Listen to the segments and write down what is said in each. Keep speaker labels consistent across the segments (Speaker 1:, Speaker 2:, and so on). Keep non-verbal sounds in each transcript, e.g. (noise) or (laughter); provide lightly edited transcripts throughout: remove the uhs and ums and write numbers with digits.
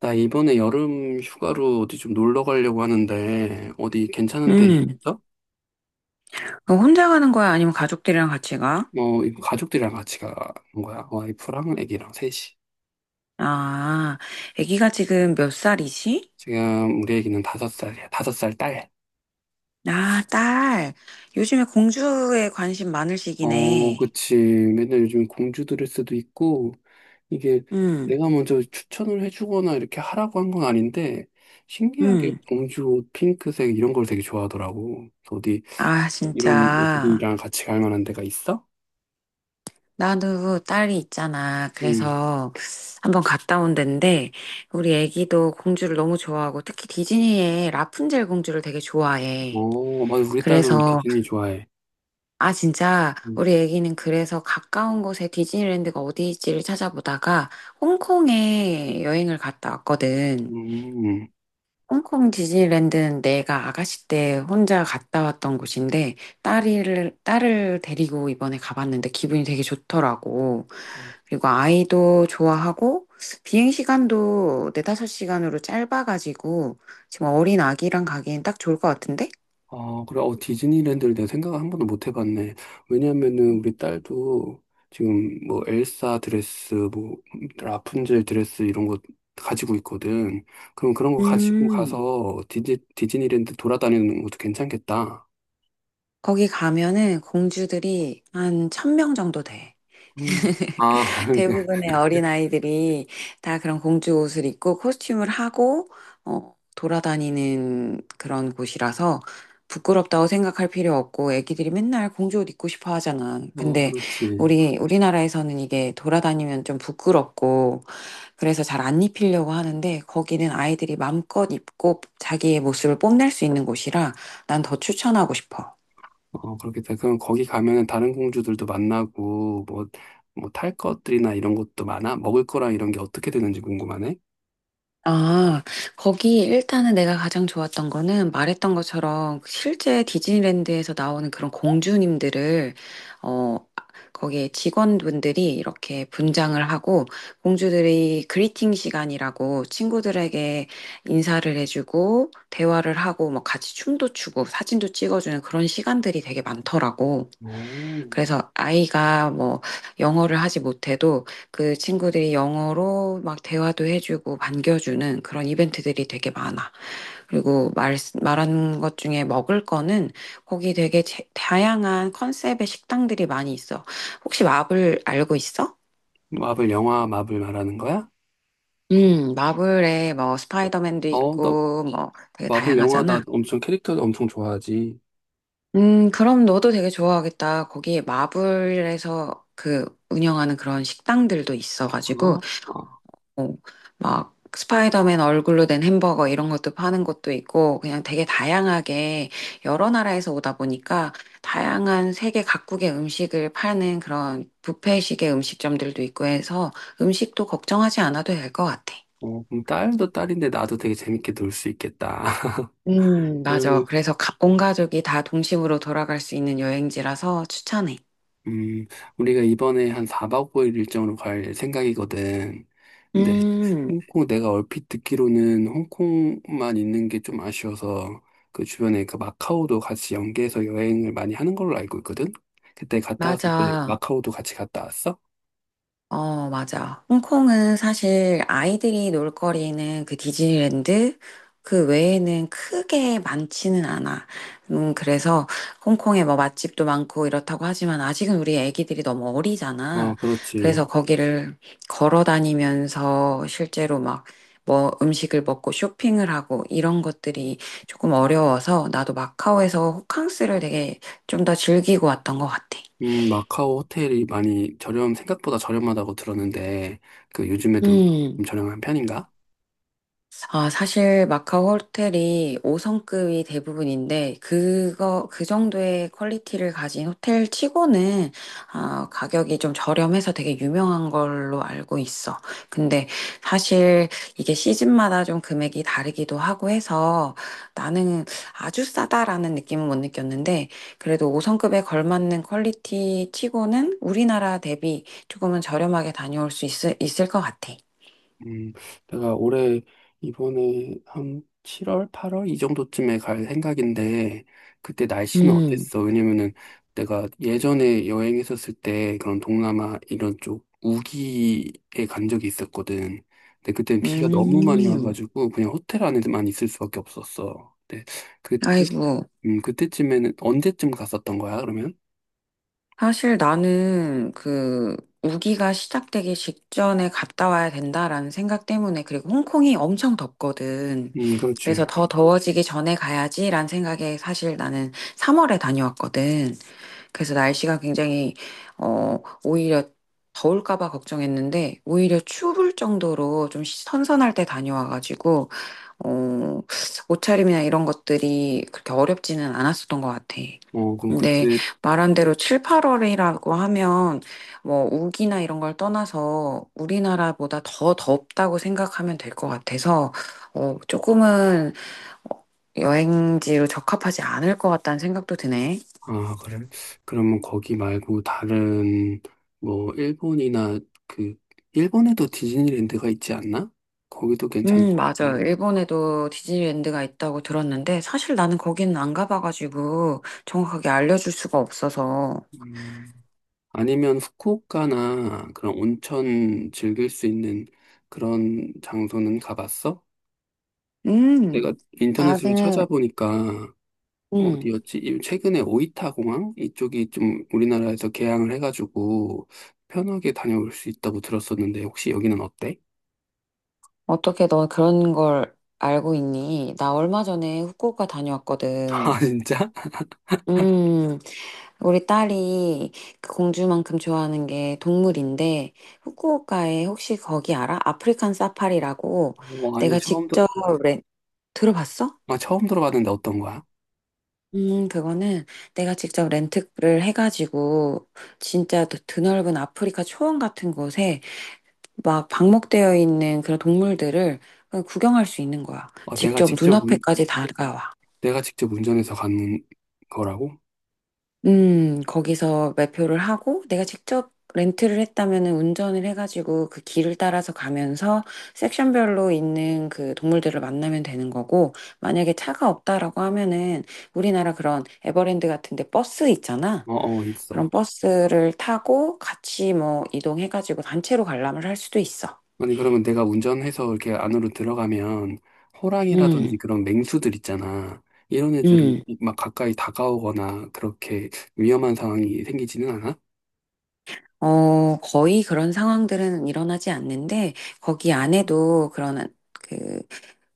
Speaker 1: 나 이번에 여름 휴가로 어디 좀 놀러 가려고 하는데, 어디 괜찮은 데
Speaker 2: 음,
Speaker 1: 있어?
Speaker 2: 그럼 혼자 가는 거야? 아니면 가족들이랑 같이 가?
Speaker 1: 어, 이거 가족들이랑 같이 가는 거야. 와이프랑 애기랑 셋이.
Speaker 2: 아, 아기가 지금 몇 살이지?
Speaker 1: 지금 우리 애기는 다섯 살이야. 다섯 살 딸.
Speaker 2: 아, 딸. 요즘에 공주에 관심 많을
Speaker 1: 어,
Speaker 2: 시기네.
Speaker 1: 그치. 맨날 요즘 공주 드레스도 있고, 이게
Speaker 2: 음,
Speaker 1: 내가 먼저 추천을 해주거나 이렇게 하라고 한 건 아닌데, 신기하게
Speaker 2: 음.
Speaker 1: 공주 옷, 핑크색 이런 걸 되게 좋아하더라고. 그래서 어디
Speaker 2: 아,
Speaker 1: 이런
Speaker 2: 진짜.
Speaker 1: 애들이랑 같이 갈 만한 데가 있어?
Speaker 2: 나도 딸이 있잖아.
Speaker 1: 응.
Speaker 2: 그래서 한번 갔다 온 데인데, 우리 아기도 공주를 너무 좋아하고, 특히 디즈니의 라푼젤 공주를 되게 좋아해.
Speaker 1: 어, 맞아. 우리 딸도
Speaker 2: 그래서
Speaker 1: 디즈니 좋아해.
Speaker 2: 아, 진짜,
Speaker 1: 음,
Speaker 2: 우리 애기는 그래서 가까운 곳에 디즈니랜드가 어디일지를 찾아보다가 홍콩에 여행을 갔다 왔거든.
Speaker 1: 음.
Speaker 2: 홍콩 디즈니랜드는 내가 아가씨 때 혼자 갔다 왔던 곳인데 딸을 데리고 이번에 가봤는데 기분이 되게 좋더라고.
Speaker 1: 아,
Speaker 2: 그리고 아이도 좋아하고 비행 시간도 네다섯 시간으로 짧아가지고 지금 어린 아기랑 가기엔 딱 좋을 것 같은데?
Speaker 1: 아, 그래. 어, 디즈니랜드를 내가 생각을 한 번도 못 해봤네. 왜냐면은 우리 딸도 지금 뭐 엘사 드레스, 뭐 라푼젤 드레스 이런 거 가지고 있거든. 그럼 그런 거 가지고
Speaker 2: 음.
Speaker 1: 가서 디즈니랜드 돌아다니는 것도 괜찮겠다.
Speaker 2: 거기 가면은 공주들이 한 천명 정도 돼.
Speaker 1: 음. 아, (laughs)
Speaker 2: 대부분의 어린아이들이 다 그런 공주 옷을 입고 코스튬을 하고, 돌아다니는 그런 곳이라서 부끄럽다고 생각할 필요 없고, 애기들이 맨날 공주 옷 입고 싶어 하잖아.
Speaker 1: 어,
Speaker 2: 근데
Speaker 1: 그렇지.
Speaker 2: 우리나라에서는 이게 돌아다니면 좀 부끄럽고, 그래서 잘 안 입히려고 하는데, 거기는 아이들이 마음껏 입고 자기의 모습을 뽐낼 수 있는 곳이라 난 더 추천하고 싶어.
Speaker 1: 어, 그렇겠다. 그럼 거기 가면은 다른 공주들도 만나고, 뭐, 뭐 탈 것들이나 이런 것도 많아? 먹을 거랑 이런 게 어떻게 되는지 궁금하네?
Speaker 2: 아, 거기 일단은 내가 가장 좋았던 거는 말했던 것처럼 그 실제 디즈니랜드에서 나오는 그런 공주님들을, 어, 거기에 직원분들이 이렇게 분장을 하고 공주들이 그리팅 시간이라고 친구들에게 인사를 해주고 대화를 하고 뭐 같이 춤도 추고 사진도 찍어주는 그런 시간들이 되게 많더라고.
Speaker 1: 오.
Speaker 2: 그래서 아이가 뭐 영어를 하지 못해도 그 친구들이 영어로 막 대화도 해주고 반겨주는 그런 이벤트들이 되게 많아. 그리고 말한 것 중에 먹을 거는 거기 되게 다양한 컨셉의 식당들이 많이 있어. 혹시 마블 알고 있어?
Speaker 1: 마블 영화 마블 말하는 거야?
Speaker 2: 마블에 뭐 스파이더맨도
Speaker 1: 어, 나
Speaker 2: 있고 뭐 되게
Speaker 1: 마블 영화 나
Speaker 2: 다양하잖아.
Speaker 1: 엄청 캐릭터 엄청 좋아하지.
Speaker 2: 그럼 너도 되게 좋아하겠다. 거기 마블에서 그 운영하는 그런 식당들도 있어가지고
Speaker 1: 어, 어,
Speaker 2: 어, 막 스파이더맨 얼굴로 된 햄버거 이런 것도 파는 곳도 있고 그냥 되게 다양하게 여러 나라에서 오다 보니까 다양한 세계 각국의 음식을 파는 그런 뷔페식의 음식점들도 있고 해서 음식도 걱정하지 않아도 될 것 같아.
Speaker 1: 어, 그럼 딸도 딸인데 나도 되게 재밌게 놀 수 있겠다. (laughs)
Speaker 2: 맞아.
Speaker 1: 그러면
Speaker 2: 그래서 온 가족이 다 동심으로 돌아갈 수 있는 여행지라서 추천해.
Speaker 1: 음, 우리가 이번에 한 4박 5일 일정으로 갈 생각이거든. 근데
Speaker 2: 음,
Speaker 1: 홍콩 내가 얼핏 듣기로는 홍콩만 있는 게 좀 아쉬워서 그 주변에 그 마카오도 같이 연계해서 여행을 많이 하는 걸로 알고 있거든. 그때 갔다 왔을 때
Speaker 2: 맞아.
Speaker 1: 마카오도 같이 갔다 왔어?
Speaker 2: 어, 맞아. 홍콩은 사실 아이들이 놀 거리는 그 디즈니랜드 그 외에는 크게 많지는 않아. 그래서 홍콩에 뭐 맛집도 많고 이렇다고 하지만 아직은 우리 애기들이 너무 어리잖아.
Speaker 1: 어,
Speaker 2: 그래서
Speaker 1: 그렇지.
Speaker 2: 거기를 걸어 다니면서 실제로 막 뭐 음식을 먹고 쇼핑을 하고 이런 것들이 조금 어려워서 나도 마카오에서 호캉스를 되게 좀 더 즐기고 왔던 것 같아.
Speaker 1: 마카오 호텔이 많이 저렴, 생각보다 저렴하다고 들었는데, 그 요즘에도
Speaker 2: 음.
Speaker 1: 좀 저렴한 편인가?
Speaker 2: 아, 사실 마카오 호텔이 5성급이 대부분인데, 그 정도의 퀄리티를 가진 호텔 치고는, 가격이 좀 저렴해서 되게 유명한 걸로 알고 있어. 근데 사실 이게 시즌마다 좀 금액이 다르기도 하고 해서 나는 아주 싸다라는 느낌은 못 느꼈는데, 그래도 5성급에 걸맞는 퀄리티 치고는 우리나라 대비 조금은 저렴하게 다녀올 수 있을 것 같아.
Speaker 1: 음, 내가 올해 이번에 한 7월, 8월 이 정도쯤에 갈 생각인데 그때 날씨는
Speaker 2: 음,
Speaker 1: 어땠어? 왜냐면은 내가 예전에 여행했었을 때 그런 동남아 이런 쪽 우기에 간 적이 있었거든. 근데 그때는 비가 너무 많이
Speaker 2: 음.
Speaker 1: 와가지고 그냥 호텔 안에만 있을 수밖에 없었어. 근데 그때
Speaker 2: 아이고,
Speaker 1: 그때쯤에는 언제쯤 갔었던 거야, 그러면?
Speaker 2: 사실 나는 그 우기가 시작되기 직전에 갔다 와야 된다라는 생각 때문에 그리고 홍콩이 엄청 덥거든. 그래서
Speaker 1: 그렇지.
Speaker 2: 더 더워지기 전에 가야지라는 생각에 사실 나는 3월에 다녀왔거든. 그래서 날씨가 굉장히 어 오히려 더울까 봐 걱정했는데 오히려 추울 정도로 좀 선선할 때 다녀와가지고 어 옷차림이나 이런 것들이 그렇게 어렵지는 않았었던 것 같아.
Speaker 1: 어, 그럼
Speaker 2: 근데
Speaker 1: 그때
Speaker 2: 말한 대로 7, 8월이라고 하면 뭐 우기나 이런 걸 떠나서 우리나라보다 더 덥다고 생각하면 될 것 같아서 조금은 어, 여행지로 적합하지 않을 것 같다는 생각도 드네.
Speaker 1: 아, 그래? 그러면 거기 말고 다른, 뭐, 일본이나 그, 일본에도 디즈니랜드가 있지 않나? 거기도 괜찮을 것
Speaker 2: 맞아요.
Speaker 1: 같은데.
Speaker 2: 일본에도 디즈니랜드가 있다고 들었는데, 사실 나는 거기는 안 가봐가지고, 정확하게 알려줄 수가 없어서.
Speaker 1: 음, 아니면 후쿠오카나 그런 온천 즐길 수 있는 그런 장소는 가봤어?
Speaker 2: 음,
Speaker 1: 내가 인터넷으로
Speaker 2: 나는,
Speaker 1: 찾아보니까
Speaker 2: 음,
Speaker 1: 어디였지? 이- 최근에 오이타 공항? 이쪽이 좀 우리나라에서 개항을 해가지고 편하게 다녀올 수 있다고 들었었는데 혹시 여기는 어때?
Speaker 2: 어떻게 너 그런 걸 알고 있니? 나 얼마 전에 후쿠오카
Speaker 1: (laughs)
Speaker 2: 다녀왔거든.
Speaker 1: 아, 진짜?
Speaker 2: 음, 우리 딸이 그 공주만큼 좋아하는 게 동물인데, 후쿠오카에 혹시 거기 알아? 아프리칸 사파리라고
Speaker 1: 어, 아니
Speaker 2: 내가 직접, 렌- 들어봤어?
Speaker 1: 아, 처음 들어봤는데 어떤 거야?
Speaker 2: 그거는 내가 직접 렌트를 해가지고 진짜 드넓은 아프리카 초원 같은 곳에 막 방목되어 있는 그런 동물들을 그냥 구경할 수 있는 거야.
Speaker 1: 어,
Speaker 2: 직접 눈앞에까지 다가와.
Speaker 1: 내가 직접 운전해서 가는 거라고?
Speaker 2: 거기서 매표를 하고 내가 직접 렌트를 했다면은 운전을 해가지고 그 길을 따라서 가면서 섹션별로 있는 그 동물들을 만나면 되는 거고 만약에 차가 없다라고 하면은 우리나라 그런 에버랜드 같은데 버스 있잖아.
Speaker 1: 어, 어,
Speaker 2: 그런
Speaker 1: 있어.
Speaker 2: 버스를 타고 같이 뭐 이동해가지고 단체로 관람을 할 수도 있어.
Speaker 1: 아니 그러면 내가 운전해서 이렇게 안으로 들어가면 호랑이라든지
Speaker 2: 음,
Speaker 1: 그런 맹수들 있잖아. 이런 애들은
Speaker 2: 음.
Speaker 1: 막 가까이 다가오거나 그렇게 위험한 상황이 생기지는 않아?
Speaker 2: 거의 그런 상황들은 일어나지 않는데, 거기 안에도 그런, 그,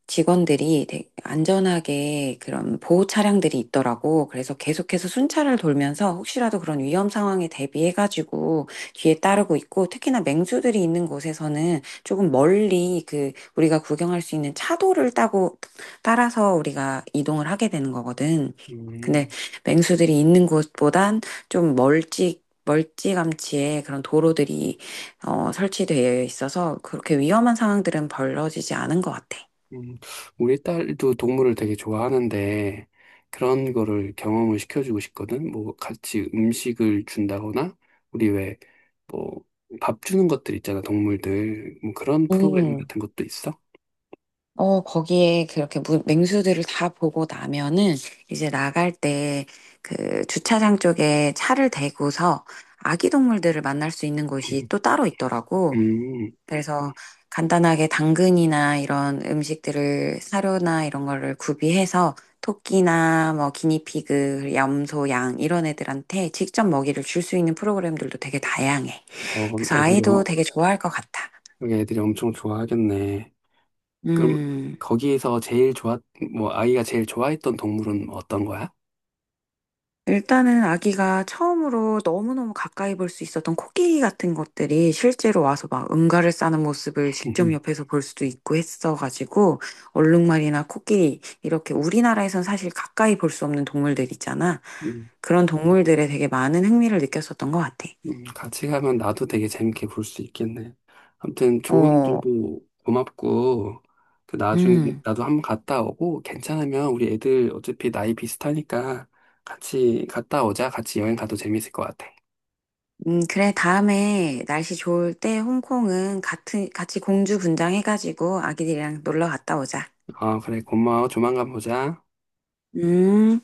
Speaker 2: 직원들이 되게 안전하게 그런 보호 차량들이 있더라고. 그래서 계속해서 순찰을 돌면서 혹시라도 그런 위험 상황에 대비해가지고 뒤에 따르고 있고, 특히나 맹수들이 있는 곳에서는 조금 멀리 그 우리가 구경할 수 있는 차도를 따고 따라서 우리가 이동을 하게 되는 거거든. 근데
Speaker 1: 음,
Speaker 2: 맹수들이 있는 곳보단 좀 멀찍 멀찌감치에 그런 도로들이 설치되어 있어서 그렇게 위험한 상황들은 벌어지지 않은 것 같아.
Speaker 1: 음. 우리 딸도 동물을 되게 좋아하는데 그런 거를 경험을 시켜주고 싶거든. 뭐 같이 음식을 준다거나 우리 왜 뭐, 밥 주는 것들 있잖아, 동물들. 뭐 그런 프로그램
Speaker 2: 음,
Speaker 1: 같은 것도 있어?
Speaker 2: 거기에 그렇게 맹수들을 다 보고 나면은 이제 나갈 때 그 주차장 쪽에 차를 대고서 아기 동물들을 만날 수 있는 곳이 또
Speaker 1: (laughs)
Speaker 2: 따로 있더라고.
Speaker 1: 음,
Speaker 2: 그래서 간단하게 당근이나 이런 음식들을 사료나 이런 거를 구비해서 토끼나 뭐 기니피그, 염소, 양 이런 애들한테 직접 먹이를 줄 수 있는 프로그램들도 되게 다양해.
Speaker 1: 어, 그럼
Speaker 2: 그래서 아이도 되게 좋아할 것 같아.
Speaker 1: 여기 애들이 엄청 좋아하겠네. 그럼
Speaker 2: 음.
Speaker 1: 거기에서 뭐, 아이가 제일 좋아했던 동물은 어떤 거야?
Speaker 2: 일단은 아기가 처음으로 너무너무 가까이 볼 수 있었던 코끼리 같은 것들이 실제로 와서 막 응가를 싸는 모습을 직접
Speaker 1: (laughs)
Speaker 2: 옆에서 볼 수도 있고 했어가지고 얼룩말이나 코끼리 이렇게 우리나라에선 사실 가까이 볼 수 없는 동물들 있잖아.
Speaker 1: 음,
Speaker 2: 그런 동물들에 되게 많은 흥미를 느꼈었던 것 같아.
Speaker 1: 같이 가면 나도 되게 재밌게 볼 수 있겠네. 아무튼 좋은
Speaker 2: 어,
Speaker 1: 정보 고맙고, 그 나중에
Speaker 2: 음.
Speaker 1: 나도 한번 갔다 오고, 괜찮으면 우리 애들 어차피 나이 비슷하니까 같이 갔다 오자. 같이 여행 가도 재밌을 것 같아.
Speaker 2: 그래, 다음에 날씨 좋을 때 홍콩은 같이 공주 분장해가지고 아기들이랑 놀러 갔다 오자.
Speaker 1: 아, 그래, 고마워. 조만간 보자.
Speaker 2: 음.